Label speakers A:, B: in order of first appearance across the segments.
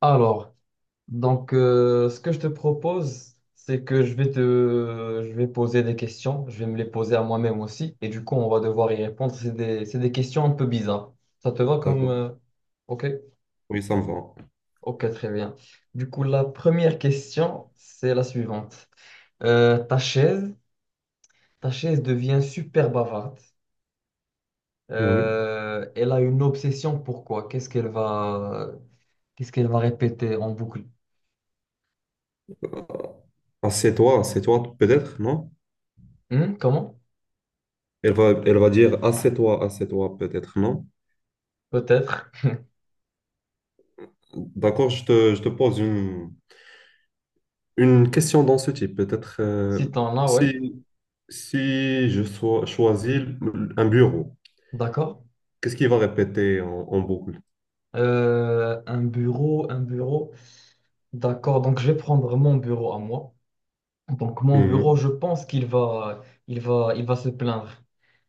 A: Alors, donc, ce que je te propose, c'est que je vais poser des questions, je vais me les poser à moi-même aussi, et du coup, on va devoir y répondre. C'est des questions un peu bizarres. Ça te va comme...
B: D'accord.
A: Ok,
B: Oui, ça me va.
A: ok, très bien. Du coup, la première question, c'est la suivante. Euh, ta chaise, ta chaise devient super bavarde.
B: Oui.
A: Elle a une obsession, pourquoi? Qu'est-ce qu'elle va répéter en boucle?
B: Assieds-toi, assieds-toi, peut-être, non?
A: Hmm, comment?
B: Elle va dire assieds-toi, assieds-toi, peut-être, non?
A: Peut-être.
B: D'accord, je te pose une question dans ce type. Peut-être
A: Si t'en as, ouais.
B: si, si je sois, choisis un bureau,
A: D'accord.
B: qu'est-ce qu'il va répéter en boucle?
A: Un bureau, un bureau. D'accord. Donc, je vais prendre mon bureau à moi. Donc, mon bureau,
B: Mhm.
A: je pense qu'il va se plaindre.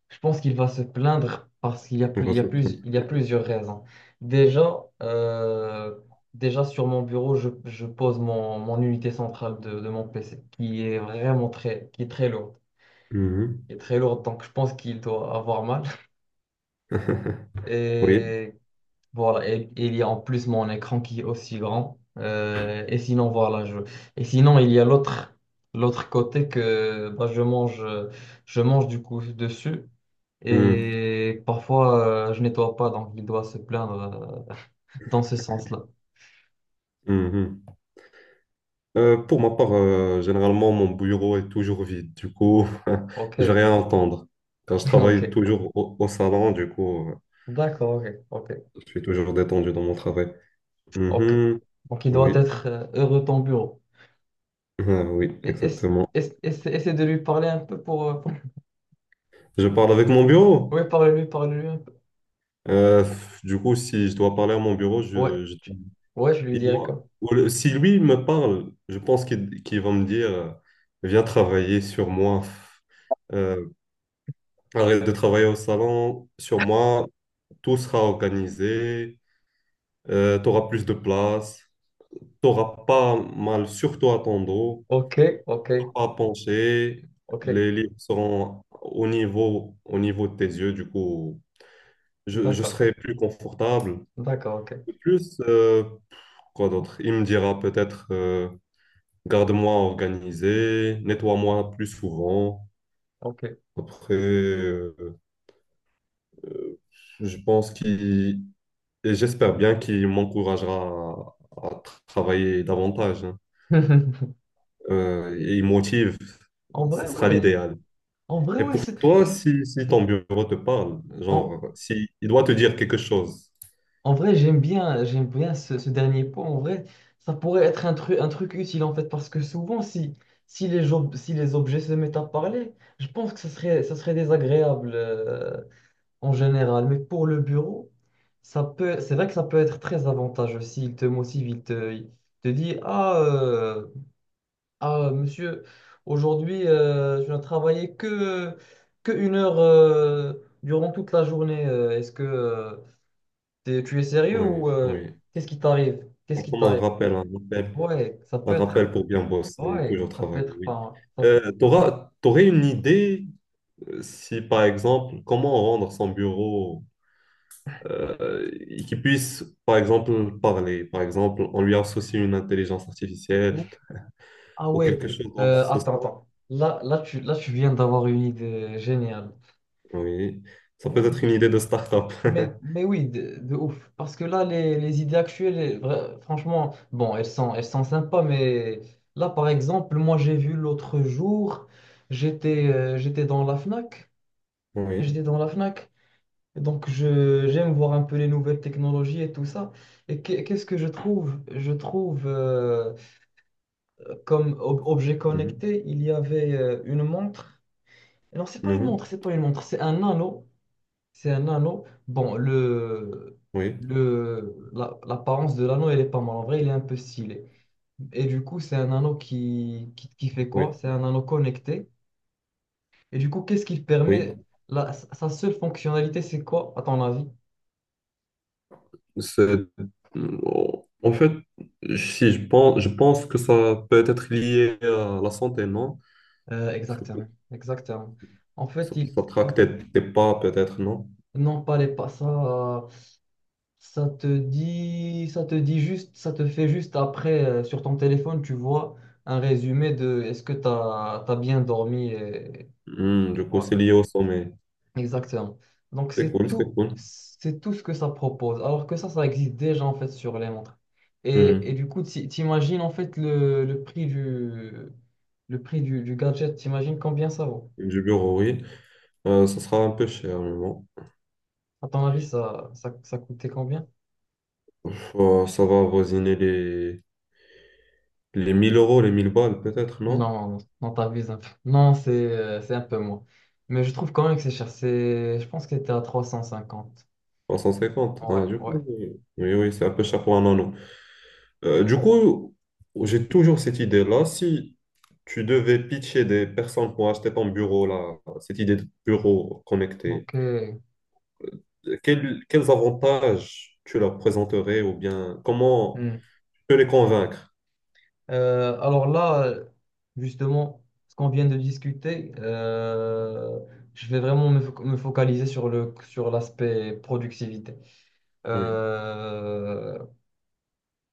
A: Je pense qu'il va se plaindre parce qu'il y a
B: Une
A: plus, il y a
B: réception.
A: plus, il y a plusieurs raisons. Déjà, euh, déjà sur mon bureau, je pose mon unité centrale de mon PC qui est qui est très lourde.
B: Mhm.
A: Qui est très lourde. Donc, je pense qu'il doit avoir mal.
B: Oui.
A: Et Voilà, et il y a en plus mon écran qui est aussi grand. Et sinon, voilà, je... Et sinon, il y a l'autre côté que bah, je mange du coup dessus.
B: Mhm.
A: Et parfois, je nettoie pas, donc il doit se plaindre dans ce sens-là.
B: Mhm. Pour ma part, généralement, mon bureau est toujours vide. Du coup,
A: Ok,
B: je vais rien entendre. Car je
A: ok,
B: travaille toujours au salon, du coup,
A: d'accord, ok, ok,
B: je suis toujours détendu dans mon travail.
A: ok.
B: Mhm.
A: Donc il doit
B: Oui,
A: être heureux ton bureau.
B: ah oui,
A: Et- Ess
B: exactement.
A: ess- ess- essaie de lui parler un peu pour-
B: Je parle avec mon bureau.
A: Ouais, parle-lui, parle-lui un peu.
B: Euh, du coup, si je dois parler à mon bureau,
A: Ouais,
B: je-
A: ouais, je lui
B: il
A: dirai
B: doit-
A: quoi.
B: ou le- si lui me parle, je pense qu'il va me dire, viens travailler sur moi. Euh, Arrête de travailler au salon, sur moi, tout sera organisé. Tu auras plus de place, tu n'auras pas mal, surtout à ton dos,
A: Ok, ok,
B: pas penché,
A: ok.
B: les livres seront au niveau de tes yeux, du coup, je
A: D'accord,
B: serai plus confortable.
A: d'accord, ok,
B: De plus, quoi d'autre? Il me dira peut-être, garde-moi organisé, nettoie-moi plus souvent.
A: ok.
B: Après, je pense qu'il, et j'espère bien qu'il m'encouragera à travailler davantage, hein. Et il motive,
A: En vrai,
B: ce sera
A: ouais,
B: l'idéal.
A: en vrai,
B: Et
A: ouais,
B: pour
A: c'est-
B: toi, si ton bureau te parle,
A: en,
B: genre, si il doit te dire quelque chose,
A: en vrai, j'aime bien ce dernier point. En vrai, ça pourrait être un truc utile en fait, parce que souvent, si les objets se mettent à parler, je pense que ça serait désagréable en général. Mais pour le bureau, c'est vrai que ça peut être très avantageux s'il te motive, il te dit, ah, monsieur, aujourd'hui, je ne travaillais que 1 heure durant toute la journée. Est-ce que tu es sérieux
B: oui,
A: ou
B: oui.
A: qu'est-ce qui t'arrive? Qu'est-ce
B: C'est
A: qui
B: comme un
A: t'arrive?
B: rappel, un rappel,
A: Ouais, ça
B: un
A: peut être.
B: rappel pour bien bosser et
A: Ouais,
B: toujours
A: ça peut
B: travailler,
A: être
B: oui.
A: pas. Ça peut-
B: T'auras- t'aurais une idée si, par exemple, comment rendre son bureau et qui puisse, par exemple, parler. Par exemple, on lui associe une intelligence artificielle
A: Ouh, Ah
B: ou quelque
A: ouais,
B: chose dans ce
A: attends,
B: sens.
A: attends. Là, là, là, tu viens d'avoir une idée géniale.
B: Oui, ça peut
A: Ouais.
B: être une idée de start-up.
A: Mais oui, de ouf. Parce que là, les idées actuelles, franchement, bon, elles sont sympas, mais là, par exemple, moi, j'ai vu l'autre jour, j'étais dans la Fnac.
B: Oui.
A: J'étais dans la Fnac. Et donc, j'aime voir un peu les nouvelles technologies et tout ça. Et qu'est-ce que je trouve? Comme objet
B: Mhm.
A: connecté, il y avait une montre. Non, c'est pas une montre,
B: Mhm.
A: c'est pas une montre, c'est un anneau. C'est un anneau. Bon,
B: Oui,
A: l'apparence de l'anneau, elle est pas mal. En vrai, il est un peu stylé. Et du coup, c'est un anneau qui fait quoi?
B: oui,
A: C'est un anneau connecté. Et du coup, qu'est-ce qu'il
B: oui.
A: permet? Sa seule fonctionnalité, c'est quoi, à ton avis?
B: C'est- En fait, si je pense, je pense que ça peut être lié à la santé, non? Ça,
A: Exactement.
B: peut-
A: Exactement. En fait,
B: ça, ça
A: euh,
B: traque tes, tes pas, peut-être, non?
A: non, pas les pas ça. Ça te fait juste après, sur ton téléphone, tu vois un résumé de est-ce que tu as, bien dormi et,
B: Hmm, du coup,
A: voilà.
B: c'est lié au sommeil.
A: Exactement. Donc
B: C'est
A: c'est
B: cool, c'est
A: tout,
B: cool.
A: c'est tout ce que ça propose. Alors que ça existe déjà en fait sur les montres. Et
B: Hmm.
A: du coup, t'imagines en fait le prix du gadget, t'imagines combien ça vaut?
B: Du bureau, oui. Ça sera un peu cher, mais bon.
A: À ton avis, ça coûtait combien?
B: Ça va avoisiner les 1000 euros, les 1000 balles, peut-être, non?
A: Non, non, non, t'abuses un peu. Non, c'est un peu moins. Mais je trouve quand même que c'est cher. Je pense que c'était à 350
B: 350.
A: Ouais,
B: Ah, du
A: ouais.
B: coup, oui, oui, oui, c'est un peu cher pour un anneau. Du
A: Hmm.
B: coup, j'ai toujours cette idée-là. Si tu devais pitcher des personnes pour acheter ton bureau, là, cette idée de bureau connecté,
A: Ok.
B: quels avantages tu leur présenterais ou bien comment
A: Hmm.
B: tu peux les convaincre?
A: Alors là, justement, ce qu'on vient de discuter, je vais vraiment me focaliser sur sur l'aspect productivité.
B: Oui.
A: Euh,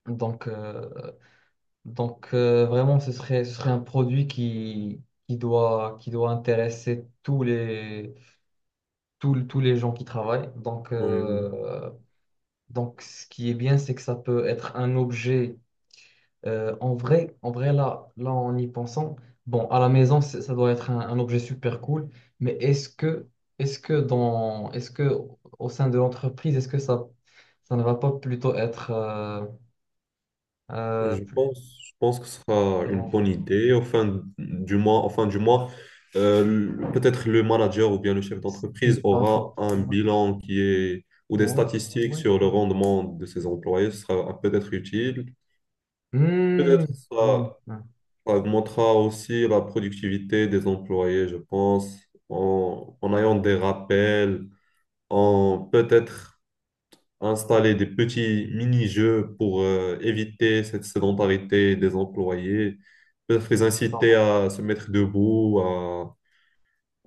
A: donc, euh, donc, vraiment, ce serait un produit qui doit intéresser tous les gens qui travaillent. Donc,
B: Oui, oui.
A: euh, donc, ce qui est bien, c'est que ça peut être un objet En vrai, en vrai là, là, en y pensant, bon, à la maison, ça doit être un objet super cool, mais est-ce que au sein de l'entreprise, ça ne va pas plutôt être
B: Je
A: plus
B: pense, je pense que ce sera une bonne
A: dérangeant?
B: idée. Au fin du mois, au fin du mois, le- peut-être le manager ou bien le chef d'entreprise
A: C'est pas
B: aura
A: faux.
B: un
A: Ouais,
B: bilan qui est ou des
A: ouais,
B: statistiques
A: ouais.
B: sur le rendement de ses employés. Ce sera peut-être utile.
A: Hmm,
B: Peut-être
A: hmm,
B: ça,
A: hmm,
B: ça augmentera aussi la productivité des employés, je pense, en ayant des rappels, en peut-être, installer des petits mini-jeux pour éviter cette sédentarité des employés, peut-être les
A: pas
B: inciter
A: mal.
B: à se mettre debout,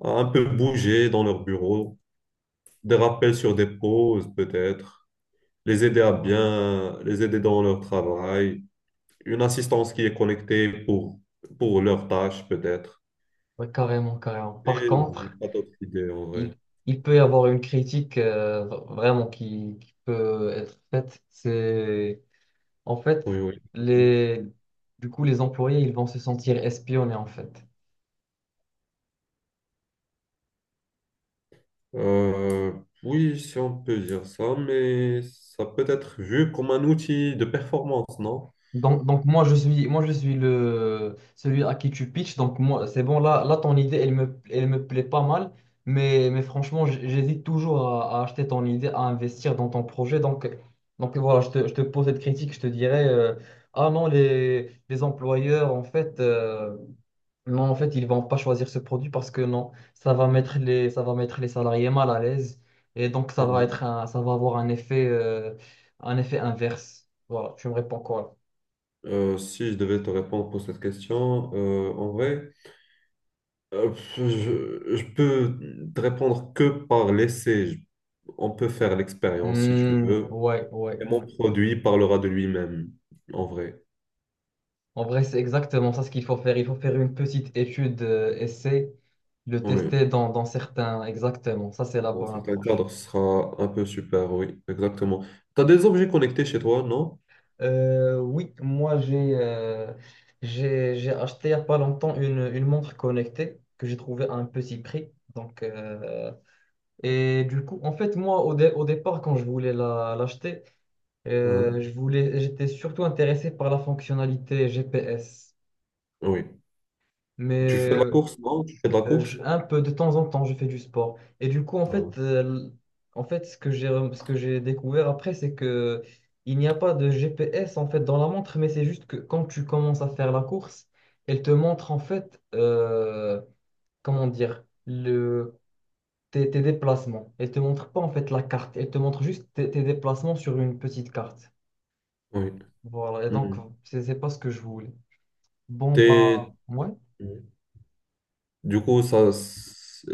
B: à un peu bouger dans leur bureau, des rappels sur des pauses peut-être,
A: Ouais,
B: les aider dans leur travail, une assistance qui est connectée pour leurs tâches peut-être.
A: ouais, carrément, carrément. Par
B: Et j'ai
A: contre,
B: pas d'autres idées en vrai.
A: il, il peut y avoir une critique vraiment qui peut être faite. C'est En
B: Oui,
A: fait,
B: oui.
A: les, du coup, les employés, ils vont se sentir espionnés, en fait.
B: Euh, oui, si on peut dire ça, mais ça peut être vu comme un outil de performance, non?
A: Donc, moi, moi, je suis celui à qui tu pitches. Donc, moi, c'est bon, là, là, ton idée, elle me plaît pas mal. Mais franchement, j'hésite toujours à acheter ton idée, à investir dans ton projet. Donc, voilà, je te pose cette critique, je te dirais, ah non, les employeurs, en fait, Non, en fait, ils vont pas choisir ce produit parce que non, ça va mettre les salariés mal à l'aise et donc ça va
B: Euh,
A: être ça va avoir un effet inverse. Voilà, tu me réponds quoi?
B: si je devais te répondre pour cette question, en vrai, je peux te répondre que par l'essai. Je- On peut faire
A: Là
B: l'expérience si tu
A: Hmm,
B: veux,
A: ouais, ouais,
B: et mon
A: ouais.
B: produit parlera de lui-même, en vrai.
A: En vrai, c'est exactement ça ce qu'il faut faire. Il faut faire une petite étude, essai, le
B: Oui,
A: tester dans certains, exactement. Ça, c'est la
B: dans
A: bonne
B: certains
A: approche.
B: cadres, ce sera un peu super, oui, exactement. Tu as des objets connectés chez toi, non?
A: Oui, moi j'ai acheté il n'y a pas longtemps une montre connectée que j'ai trouvée à un petit prix. Donc, et du coup, en fait, moi au départ, quand je voulais l'acheter,
B: Mhm.
A: j'étais surtout intéressé par la fonctionnalité GPS.
B: Oui.
A: Mais
B: Tu fais de la course, non? Tu fais de la course?
A: Un peu de temps en temps, je fais du sport. Et du coup, en
B: Ah,
A: fait, euh, en fait, ce que j'ai découvert après, c'est que il n'y a pas de GPS en fait dans la montre, mais c'est juste que quand tu commences à faire la course, elle te montre en fait comment dire le tes déplacements. Elle te montre pas en fait la carte. Elle te montre juste tes déplacements sur une petite carte.
B: oui.
A: Voilà. Et donc,
B: Mhm.
A: c'est pas ce que je voulais. Bon
B: T'es-
A: bah, ouais.
B: Du coup, ça, c'est-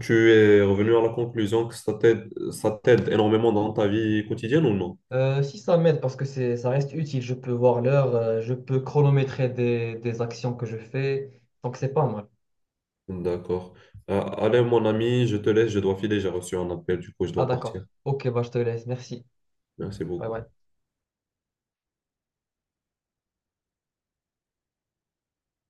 B: tu es revenu à la conclusion que ça t'aide énormément dans ta vie quotidienne ou non?
A: Si ça m'aide parce que ça reste utile, je peux voir l'heure, je peux chronométrer des actions que je fais, donc c'est pas mal.
B: D'accord. Allez, mon ami, je dois filer, j'ai reçu un appel, du coup, je
A: Ah
B: dois
A: d'accord.
B: partir.
A: Ok, bah je te laisse, merci.
B: Merci
A: Ouais,
B: beaucoup.
A: ouais.